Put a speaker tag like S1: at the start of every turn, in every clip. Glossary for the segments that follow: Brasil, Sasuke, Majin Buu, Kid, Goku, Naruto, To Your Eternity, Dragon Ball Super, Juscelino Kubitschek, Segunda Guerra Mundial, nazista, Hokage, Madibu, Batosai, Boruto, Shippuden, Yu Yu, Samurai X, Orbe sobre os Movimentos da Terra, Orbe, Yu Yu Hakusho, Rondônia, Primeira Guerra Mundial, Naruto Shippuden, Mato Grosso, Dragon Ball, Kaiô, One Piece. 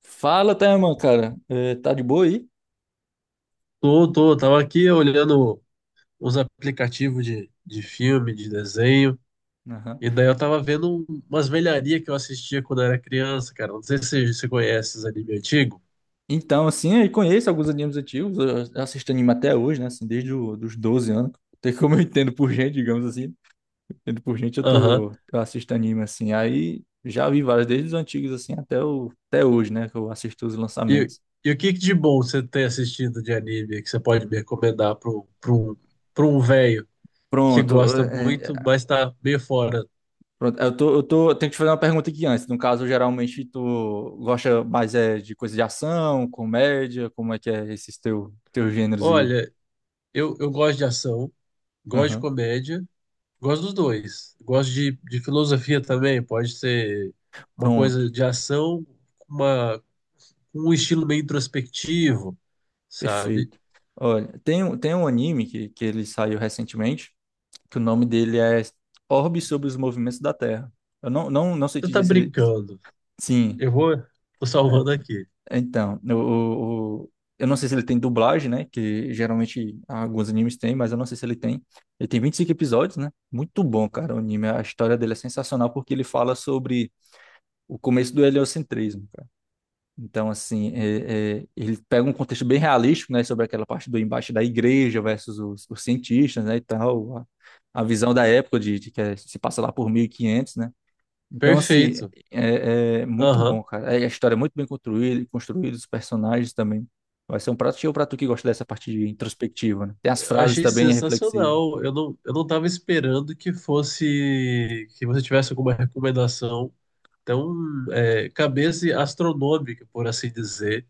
S1: Fala, Thelma, cara. É, tá de boa aí?
S2: Tava aqui olhando uns aplicativos de filme, de desenho,
S1: Aham.
S2: e daí eu tava vendo umas velharias que eu assistia quando era criança, cara. Não sei se você conhece esses anime antigo.
S1: Então, assim, eu conheço alguns animes antigos, eu assisto anime até hoje, né? Assim, desde os dos 12 anos. Tem como eu entendo por gente, digamos assim. Entendo por gente,
S2: Aham.
S1: eu assisto anime, assim. Aí já vi vários, desde os antigos, assim, até hoje, né? Que eu assisto os
S2: E,
S1: lançamentos.
S2: e o que que de bom você tem assistido de anime que você pode me recomendar para um, pra um, pra um velho que
S1: Pronto,
S2: gosta muito, mas tá meio fora?
S1: pronto. Eu tenho que te fazer uma pergunta aqui antes. No caso, geralmente, tu gosta mais é, de coisa de ação, comédia? Como é que é esses teus gêneros aí?
S2: Olha, eu gosto de ação, gosto de
S1: Aham.
S2: comédia. Gosto dos dois. Gosto de filosofia também. Pode ser uma
S1: Pronto.
S2: coisa de ação, uma, com um estilo meio introspectivo, sabe?
S1: Perfeito. Olha, tem um anime que ele saiu recentemente, que o nome dele é Orbe sobre os Movimentos da Terra. Eu não sei
S2: Você
S1: te
S2: tá
S1: dizer se ele.
S2: brincando.
S1: Sim,
S2: Eu vou, tô salvando
S1: é,
S2: aqui.
S1: então. Eu não sei se ele tem dublagem, né? Que geralmente alguns animes têm, mas eu não sei se ele tem. Ele tem 25 episódios, né? Muito bom, cara, o anime. A história dele é sensacional porque ele fala sobre o começo do heliocentrismo. Então, assim, ele pega um contexto bem realístico, né, sobre aquela parte do embate da igreja versus os cientistas, né, e tal, a visão da época de que se passa lá por 1500, né. Então, assim,
S2: Perfeito.
S1: é muito bom,
S2: Aham.
S1: cara. É, a história é muito bem construída, construída, os personagens também. Vai ser um prato cheio pra tu que gosta dessa parte de introspectiva, né. Tem as
S2: Eu
S1: frases
S2: achei
S1: também reflexivas.
S2: sensacional. Eu não tava esperando que fosse, que você tivesse alguma recomendação tão, é, cabeça astronômica, por assim dizer.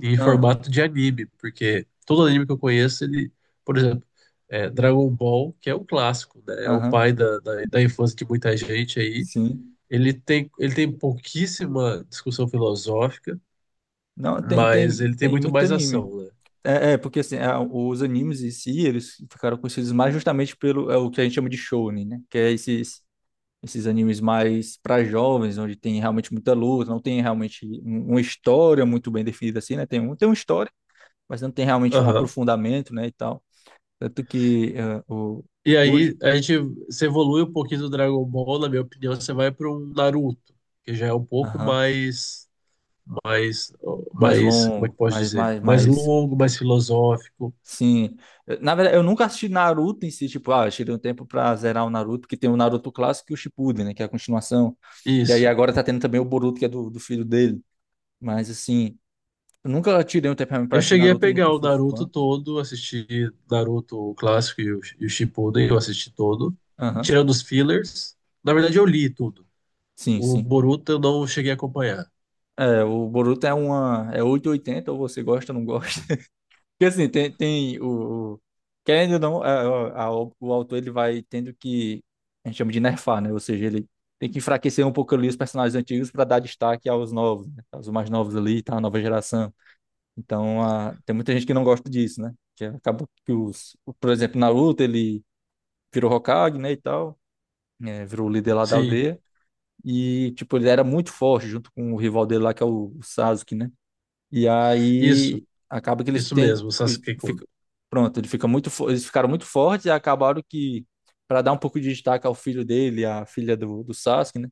S2: E em formato de anime, porque todo anime que eu conheço, ele, por exemplo, é Dragon Ball, que é um clássico, né? É o pai
S1: aham,
S2: da infância de muita gente aí.
S1: sim.
S2: Ele tem pouquíssima discussão filosófica,
S1: Não, tem,
S2: mas
S1: tem,
S2: ele tem
S1: tem
S2: muito
S1: muito
S2: mais
S1: anime.
S2: ação, né?
S1: É, porque assim, os animes em si, eles ficaram conhecidos mais justamente pelo o que a gente chama de shounen, né? Que é esses animes mais para jovens, onde tem realmente muita luta, não tem realmente uma história muito bem definida assim, né? Tem uma história, mas não tem realmente um
S2: Aham.
S1: aprofundamento, né, e tal. Tanto que
S2: E
S1: hoje.
S2: aí, a gente se evolui um pouquinho do Dragon Ball, na minha opinião, você vai para um Naruto, que já é um pouco
S1: Aham.
S2: mais, mais,
S1: mais
S2: mais, como é que
S1: longo,
S2: posso
S1: mais,
S2: dizer?
S1: mais,
S2: Mais
S1: mais
S2: longo, mais filosófico.
S1: Sim. Na verdade, eu nunca assisti Naruto em si, tipo, ah, eu tirei um tempo pra zerar o Naruto, porque tem o Naruto clássico e o Shippuden, né, que é a continuação. E aí
S2: Isso.
S1: agora tá tendo também o Boruto, que é do filho dele. Mas, assim, eu nunca tirei um tempo realmente pra
S2: Eu
S1: assistir
S2: cheguei a
S1: Naruto,
S2: pegar
S1: nunca
S2: o
S1: fui
S2: Naruto
S1: fã.
S2: todo, assisti Naruto o clássico e o Shippuden, eu assisti todo,
S1: Aham.
S2: tirando os fillers. Na verdade, eu li tudo.
S1: Sim,
S2: O
S1: sim.
S2: Boruto eu não cheguei a acompanhar.
S1: É, o Boruto é 880, ou você gosta ou não gosta. Porque assim, tem o, querendo ou não, o autor ele vai tendo que. A gente chama de nerfar, né? Ou seja, ele tem que enfraquecer um pouco ali os personagens antigos para dar destaque aos novos, né? Aos mais novos ali, tá? A nova geração. Então, tem muita gente que não gosta disso, né? Que acaba que os. Por exemplo, Naruto, ele virou Hokage, né? E tal. Né, virou o líder lá da
S2: Sim,
S1: aldeia. E, tipo, ele era muito forte junto com o rival dele lá, que é o Sasuke, né? E
S2: isso,
S1: aí acaba que eles
S2: isso
S1: têm.
S2: mesmo, o Sasuke-kun.
S1: Pronto, eles ficaram muito fortes e acabaram que, para dar um pouco de destaque ao filho dele, à filha do Sasuke, né?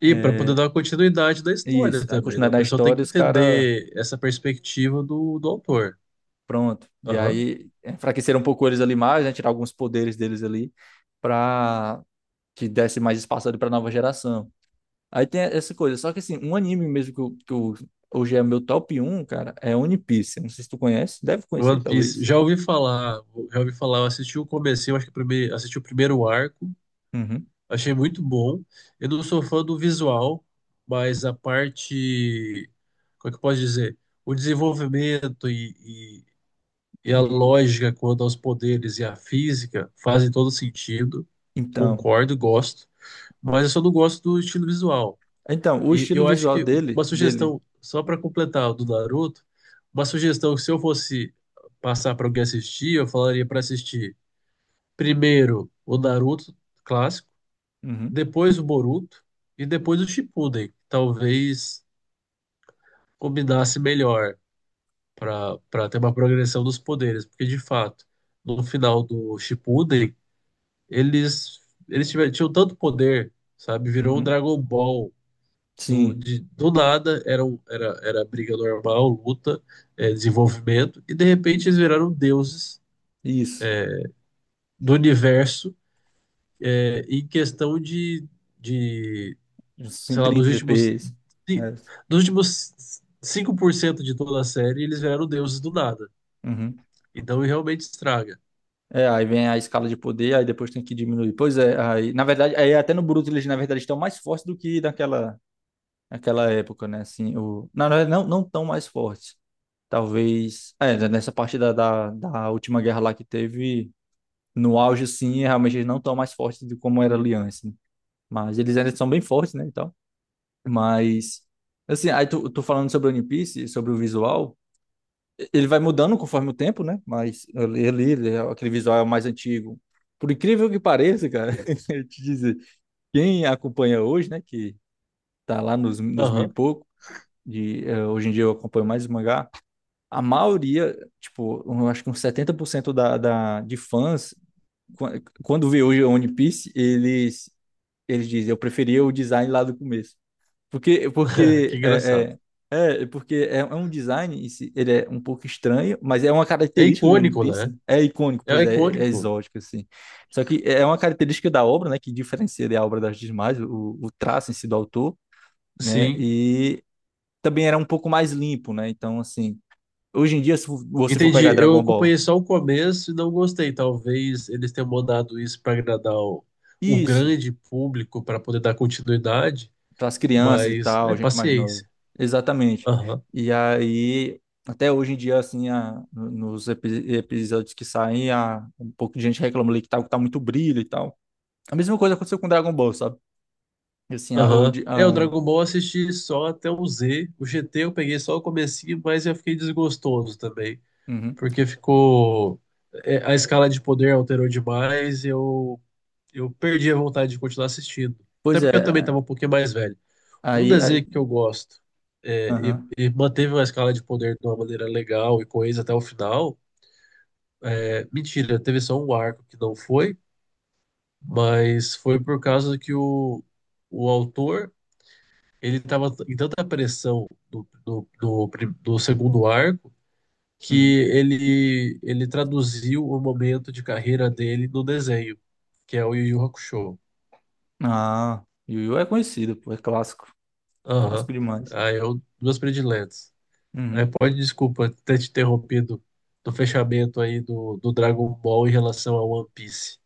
S2: E para poder
S1: É,
S2: dar continuidade da
S1: isso,
S2: história
S1: a
S2: também, né?
S1: continuidade
S2: O
S1: da
S2: pessoal tem
S1: história,
S2: que
S1: os caras.
S2: entender essa perspectiva do autor.
S1: Pronto. E
S2: Aham.
S1: aí enfraqueceram um pouco eles ali mais, né? Tirar alguns poderes deles ali, pra que desse mais espaço ali pra nova geração. Aí tem essa coisa. Só que assim, um anime mesmo que, hoje é meu top um, cara, é One Piece. Não sei se tu conhece, deve conhecer,
S2: One Piece,
S1: talvez.
S2: já ouvi falar, eu assisti o comecinho, acho que assisti o primeiro arco.
S1: Uhum.
S2: Achei muito bom. Eu não sou fã do visual, mas a parte, como é que eu posso dizer? O desenvolvimento e, e a
S1: E-
S2: lógica quanto aos poderes e a física fazem todo sentido.
S1: então,
S2: Concordo, gosto. Mas eu só não gosto do estilo visual.
S1: o
S2: E
S1: estilo
S2: eu acho
S1: visual
S2: que uma
S1: dele,
S2: sugestão, só para completar o do Naruto, uma sugestão que se eu fosse passar para alguém assistir, eu falaria para assistir primeiro o Naruto clássico,
S1: uhum,
S2: depois o Boruto e depois o Shippuden. Talvez combinasse melhor para ter uma progressão dos poderes, porque de fato, no final do Shippuden, eles eles tinham tanto poder, sabe? Virou um
S1: uhum,
S2: Dragon Ball
S1: sim,
S2: do nada, era, um- era era briga normal, luta, é, desenvolvimento e de repente eles viraram deuses
S1: isso,
S2: do universo, é, em questão de
S1: sim,
S2: sei lá,
S1: 30 FPS,
S2: ci-
S1: é,
S2: dos últimos 5% de toda a série, eles vieram deuses do nada.
S1: uhum.
S2: Então realmente estraga.
S1: É, aí vem a escala de poder, aí depois tem que diminuir. Pois é, aí, na verdade, aí até no Bruto eles, na verdade, estão mais fortes do que naquela época, né, assim, na verdade, não tão mais fortes, talvez, né, nessa parte da última guerra lá que teve, no auge, sim, realmente eles não estão mais fortes do como era ali antes, né? Mas eles ainda são bem fortes, né. Mas, assim, aí tu falando sobre o One Piece, sobre o visual, ele vai mudando conforme o tempo, né? Mas aquele visual é o mais antigo. Por incrível que pareça, cara, eu te dizer, quem acompanha hoje, né, que tá lá nos mil e
S2: Aham,
S1: pouco, hoje em dia eu acompanho mais o mangá. A maioria, tipo, eu acho que uns 70% de fãs, quando vê hoje o One Piece, eles dizem, eu preferia o design lá do começo. Porque,
S2: que
S1: porque
S2: engraçado.
S1: é um design, em si, ele é um pouco estranho, mas é uma
S2: É
S1: característica de One
S2: icônico,
S1: Piece,
S2: né?
S1: né? É icônico,
S2: É
S1: pois é
S2: icônico.
S1: exótico, assim. Só que é uma característica da obra, né, que diferencia da obra das demais, o traço em si do autor, né,
S2: Sim,
S1: e também era um pouco mais limpo, né, então, assim, hoje em dia, se você for
S2: entendi.
S1: pegar
S2: Eu
S1: Dragon
S2: acompanhei
S1: Ball,
S2: só o começo e não gostei. Talvez eles tenham mandado isso para agradar o
S1: isso.
S2: grande público para poder dar continuidade,
S1: Então, as crianças e
S2: mas é
S1: tal, gente mais nova.
S2: paciência.
S1: Exatamente.
S2: Aham.
S1: E aí, até hoje em dia, assim, episódios que saem, um pouco de gente reclama ali que tá muito brilho e tal. A mesma coisa aconteceu com Dragon Ball, sabe? Assim, a, o,
S2: Aham.
S1: de-
S2: É, o
S1: a,
S2: Dragon Ball eu assisti só até o Z. O GT eu peguei só o comecinho, mas eu fiquei desgostoso também.
S1: uhum.
S2: Porque ficou. É, a escala de poder alterou demais. Eu perdi a vontade de continuar assistindo. Até
S1: Pois é,
S2: porque eu também estava um pouquinho mais velho. Um
S1: aí,
S2: desenho que eu gosto é,
S1: aham,
S2: e manteve uma escala de poder de uma maneira legal e coesa até o final. É, mentira, teve só um arco que não foi, mas foi por causa que o autor. Ele estava em tanta pressão do segundo arco que
S1: uhum.
S2: ele traduziu o momento de carreira dele no desenho, que é o Yu Yu Hakusho.
S1: Ah, Yu Yu é conhecido, pô, é clássico,
S2: Aham.
S1: clássico demais.
S2: Aí eu, duas prediletas. Aí
S1: Uhum.
S2: pode, desculpa ter te interrompido do fechamento aí do Dragon Ball em relação ao One Piece.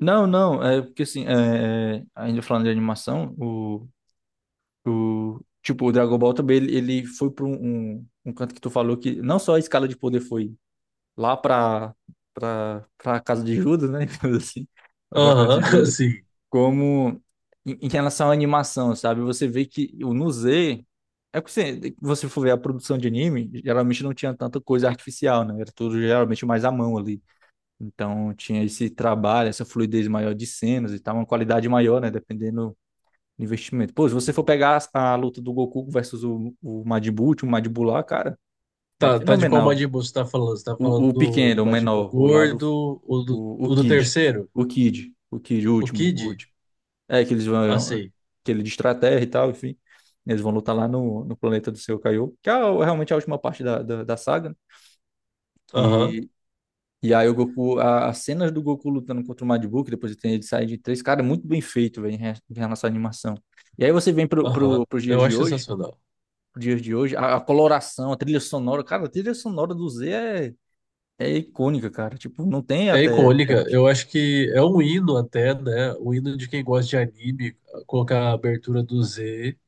S1: Não, não, é porque assim, é, é, ainda falando de animação, o O, tipo, o Dragon Ball também, ele foi para um, um, um canto que tu falou que não só a escala de poder foi lá pra, pra, pra casa de Judas, né? digamos Assim, Lá pra casa de
S2: Aham,
S1: Judas,
S2: sim.
S1: como em, em relação à animação, sabe? Você vê que o no Z, é que você, você for ver a produção de anime, geralmente não tinha tanta coisa artificial, né? Era tudo geralmente mais à mão ali. Então tinha esse trabalho, essa fluidez maior de cenas e tal, uma qualidade maior, né? Dependendo investimento. Pô, se você for pegar a luta do Goku versus o Madibu lá, cara, é
S2: Tá, de qual
S1: fenomenal.
S2: Majin Buu você tá falando? Você tá falando
S1: O pequeno,
S2: do
S1: o
S2: Majin Buu
S1: menor, o lá do.
S2: gordo,
S1: O
S2: o do
S1: Kid.
S2: terceiro?
S1: O Kid. O Kid, o
S2: O
S1: último, o
S2: Kid?
S1: último. É, que eles
S2: Ah,
S1: vão.
S2: sei.
S1: Aquele de estratégia e tal, enfim. Eles vão lutar lá no, no planeta do seu Kaiô, que é a- realmente a última parte da, da, da saga, né?
S2: Aham.
S1: Que. E aí o Goku, a- as cenas do Goku lutando contra o Majin Buu, que depois tem ele sair de três, cara, é muito bem feito, velho, em re- em relação à animação. E aí você vem pro,
S2: Aham,
S1: pro, pros dias
S2: eu
S1: de
S2: acho
S1: hoje,
S2: sensacional.
S1: os dias de hoje. A coloração, a trilha sonora, cara, a trilha sonora do Z é, é icônica, cara. Tipo, não tem
S2: É
S1: até, até
S2: icônica,
S1: hoje.
S2: eu acho que é um hino até, né? O hino de quem gosta de anime, colocar a abertura do Z,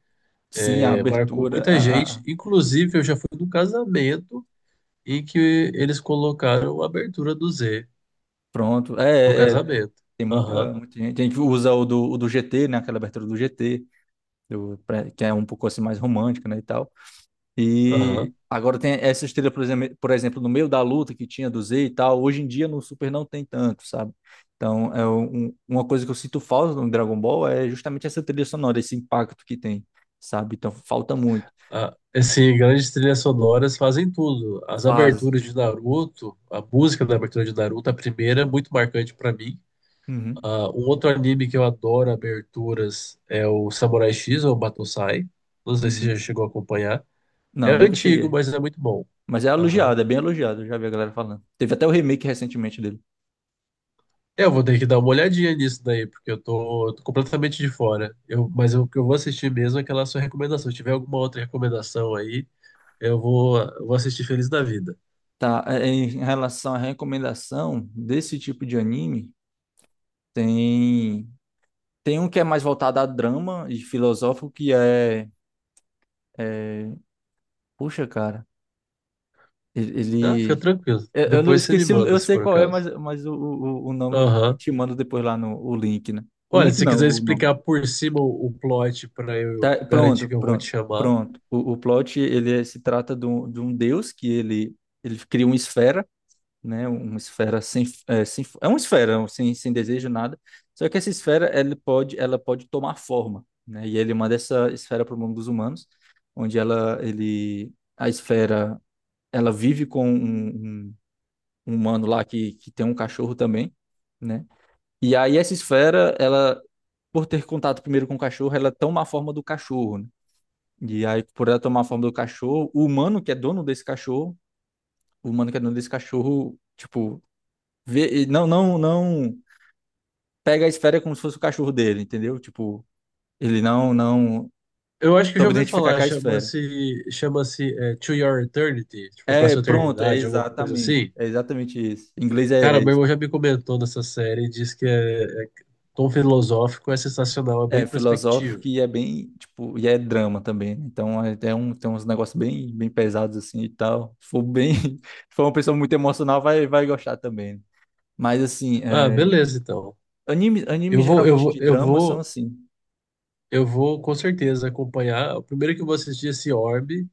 S1: Sim, a
S2: é, marcou
S1: abertura,
S2: muita gente.
S1: a-
S2: Inclusive, eu já fui num casamento em que eles colocaram a abertura do Z
S1: pronto.
S2: no
S1: É, é,
S2: casamento.
S1: tem
S2: Aham,
S1: muita, muita gente. A gente usa o do GT, né? Aquela abertura do GT, do- pra- que é um pouco assim mais romântica, né, e tal.
S2: aham.
S1: E agora tem essa estrela, por exemplo, no meio da luta que tinha do Z e tal, hoje em dia no Super não tem tanto, sabe? Então, é um- uma coisa que eu sinto falta no Dragon Ball é justamente essa trilha sonora, esse impacto que tem, sabe? Então, falta muito.
S2: Ah, assim, grandes trilhas sonoras fazem tudo. As
S1: Fase.
S2: aberturas de Naruto, a música da abertura de Naruto, a primeira, é muito marcante pra mim.
S1: Uhum,
S2: Ah, um outro anime que eu adoro aberturas é o Samurai X ou Batosai. Não sei se você já
S1: uhum.
S2: chegou a acompanhar. É
S1: Não, nunca
S2: antigo,
S1: cheguei.
S2: mas é muito bom.
S1: Mas é
S2: Aham.
S1: elogiado, é bem elogiado, eu já vi a galera falando. Teve até o remake recentemente dele.
S2: É, eu vou ter que dar uma olhadinha nisso daí, porque tô completamente de fora. Eu, mas o que eu vou assistir mesmo é aquela sua recomendação. Se tiver alguma outra recomendação aí, eu vou assistir feliz da vida.
S1: Tá, em relação à recomendação desse tipo de anime, tem. Tem um que é mais voltado a drama e filosófico, que é. Puxa, cara, ele...
S2: Ah, fica
S1: ele-
S2: tranquilo.
S1: Eu não
S2: Depois você me
S1: esqueci,
S2: manda,
S1: eu
S2: se
S1: sei
S2: for o
S1: qual é,
S2: caso.
S1: mas, o nome eu
S2: Aham.
S1: te mando depois lá no o link, né? Um
S2: Olha, se
S1: link
S2: você
S1: não,
S2: quiser
S1: o nome.
S2: explicar por cima o plot pra eu
S1: Tá,
S2: garantir
S1: pronto,
S2: que eu vou te
S1: pronto,
S2: chamar,
S1: pronto. O plot, se trata de um deus que ele cria uma esfera, né? Uma esfera sem desejo nada. Só que essa esfera ela pode tomar forma, né? E ele manda essa esfera para o mundo dos humanos, onde a esfera, ela vive com um- um humano lá que tem um cachorro também, né? E aí essa esfera, ela, por ter contato primeiro com o cachorro, ela toma a forma do cachorro, né? E aí, por ela tomar a forma do cachorro, o humano que é dono desse cachorro, o humano que é dono desse cachorro, tipo, vê, não pega a esfera como se fosse o cachorro dele, entendeu? Tipo, ele não
S2: eu acho que eu já
S1: soube
S2: ouvi
S1: identificar
S2: falar,
S1: com a esfera.
S2: chama-se é, To Your Eternity, tipo, pra
S1: É,
S2: sua
S1: pronto, é
S2: eternidade, alguma coisa
S1: exatamente,
S2: assim.
S1: é exatamente isso. Em inglês é,
S2: Cara,
S1: é
S2: meu
S1: isso.
S2: irmão já me comentou nessa série e disse que é tom filosófico, é sensacional, é bem
S1: É
S2: introspectivo.
S1: filosófico e é bem, tipo, e é drama também. Né? Então tem uns negócios bem, bem pesados assim e tal. Se for bem, se for uma pessoa muito emocional, vai gostar também. Né? Mas assim,
S2: Ah, beleza, então.
S1: anime
S2: Eu vou, eu
S1: geralmente
S2: vou,
S1: de
S2: eu
S1: drama são
S2: vou,
S1: assim.
S2: eu vou com certeza acompanhar. O primeiro que eu vou assistir é esse Orbe,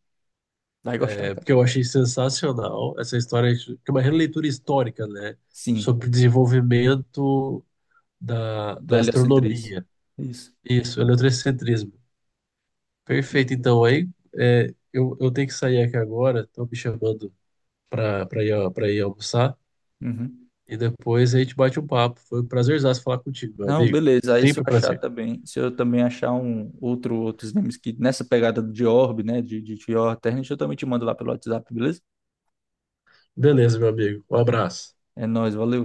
S1: Vai gostar,
S2: é,
S1: cara.
S2: porque eu achei sensacional essa história, que é uma releitura histórica, né,
S1: Sim,
S2: sobre o desenvolvimento
S1: do
S2: da
S1: heliocentrismo.
S2: astronomia.
S1: Isso.
S2: Isso, heliocentrismo. Perfeito, então aí é, eu tenho que sair aqui agora, estão me chamando para ir almoçar
S1: Uhum.
S2: e depois a gente bate um papo. Foi um prazerzaço falar contigo, meu
S1: Não,
S2: amigo.
S1: beleza. Aí se eu
S2: Sempre um
S1: achar
S2: prazer.
S1: também, se eu também achar um outros games que nessa pegada de Orb, né, de Horror Terra, eu também te mando lá pelo WhatsApp, beleza?
S2: Beleza, meu amigo. Um abraço.
S1: É nóis, valeu.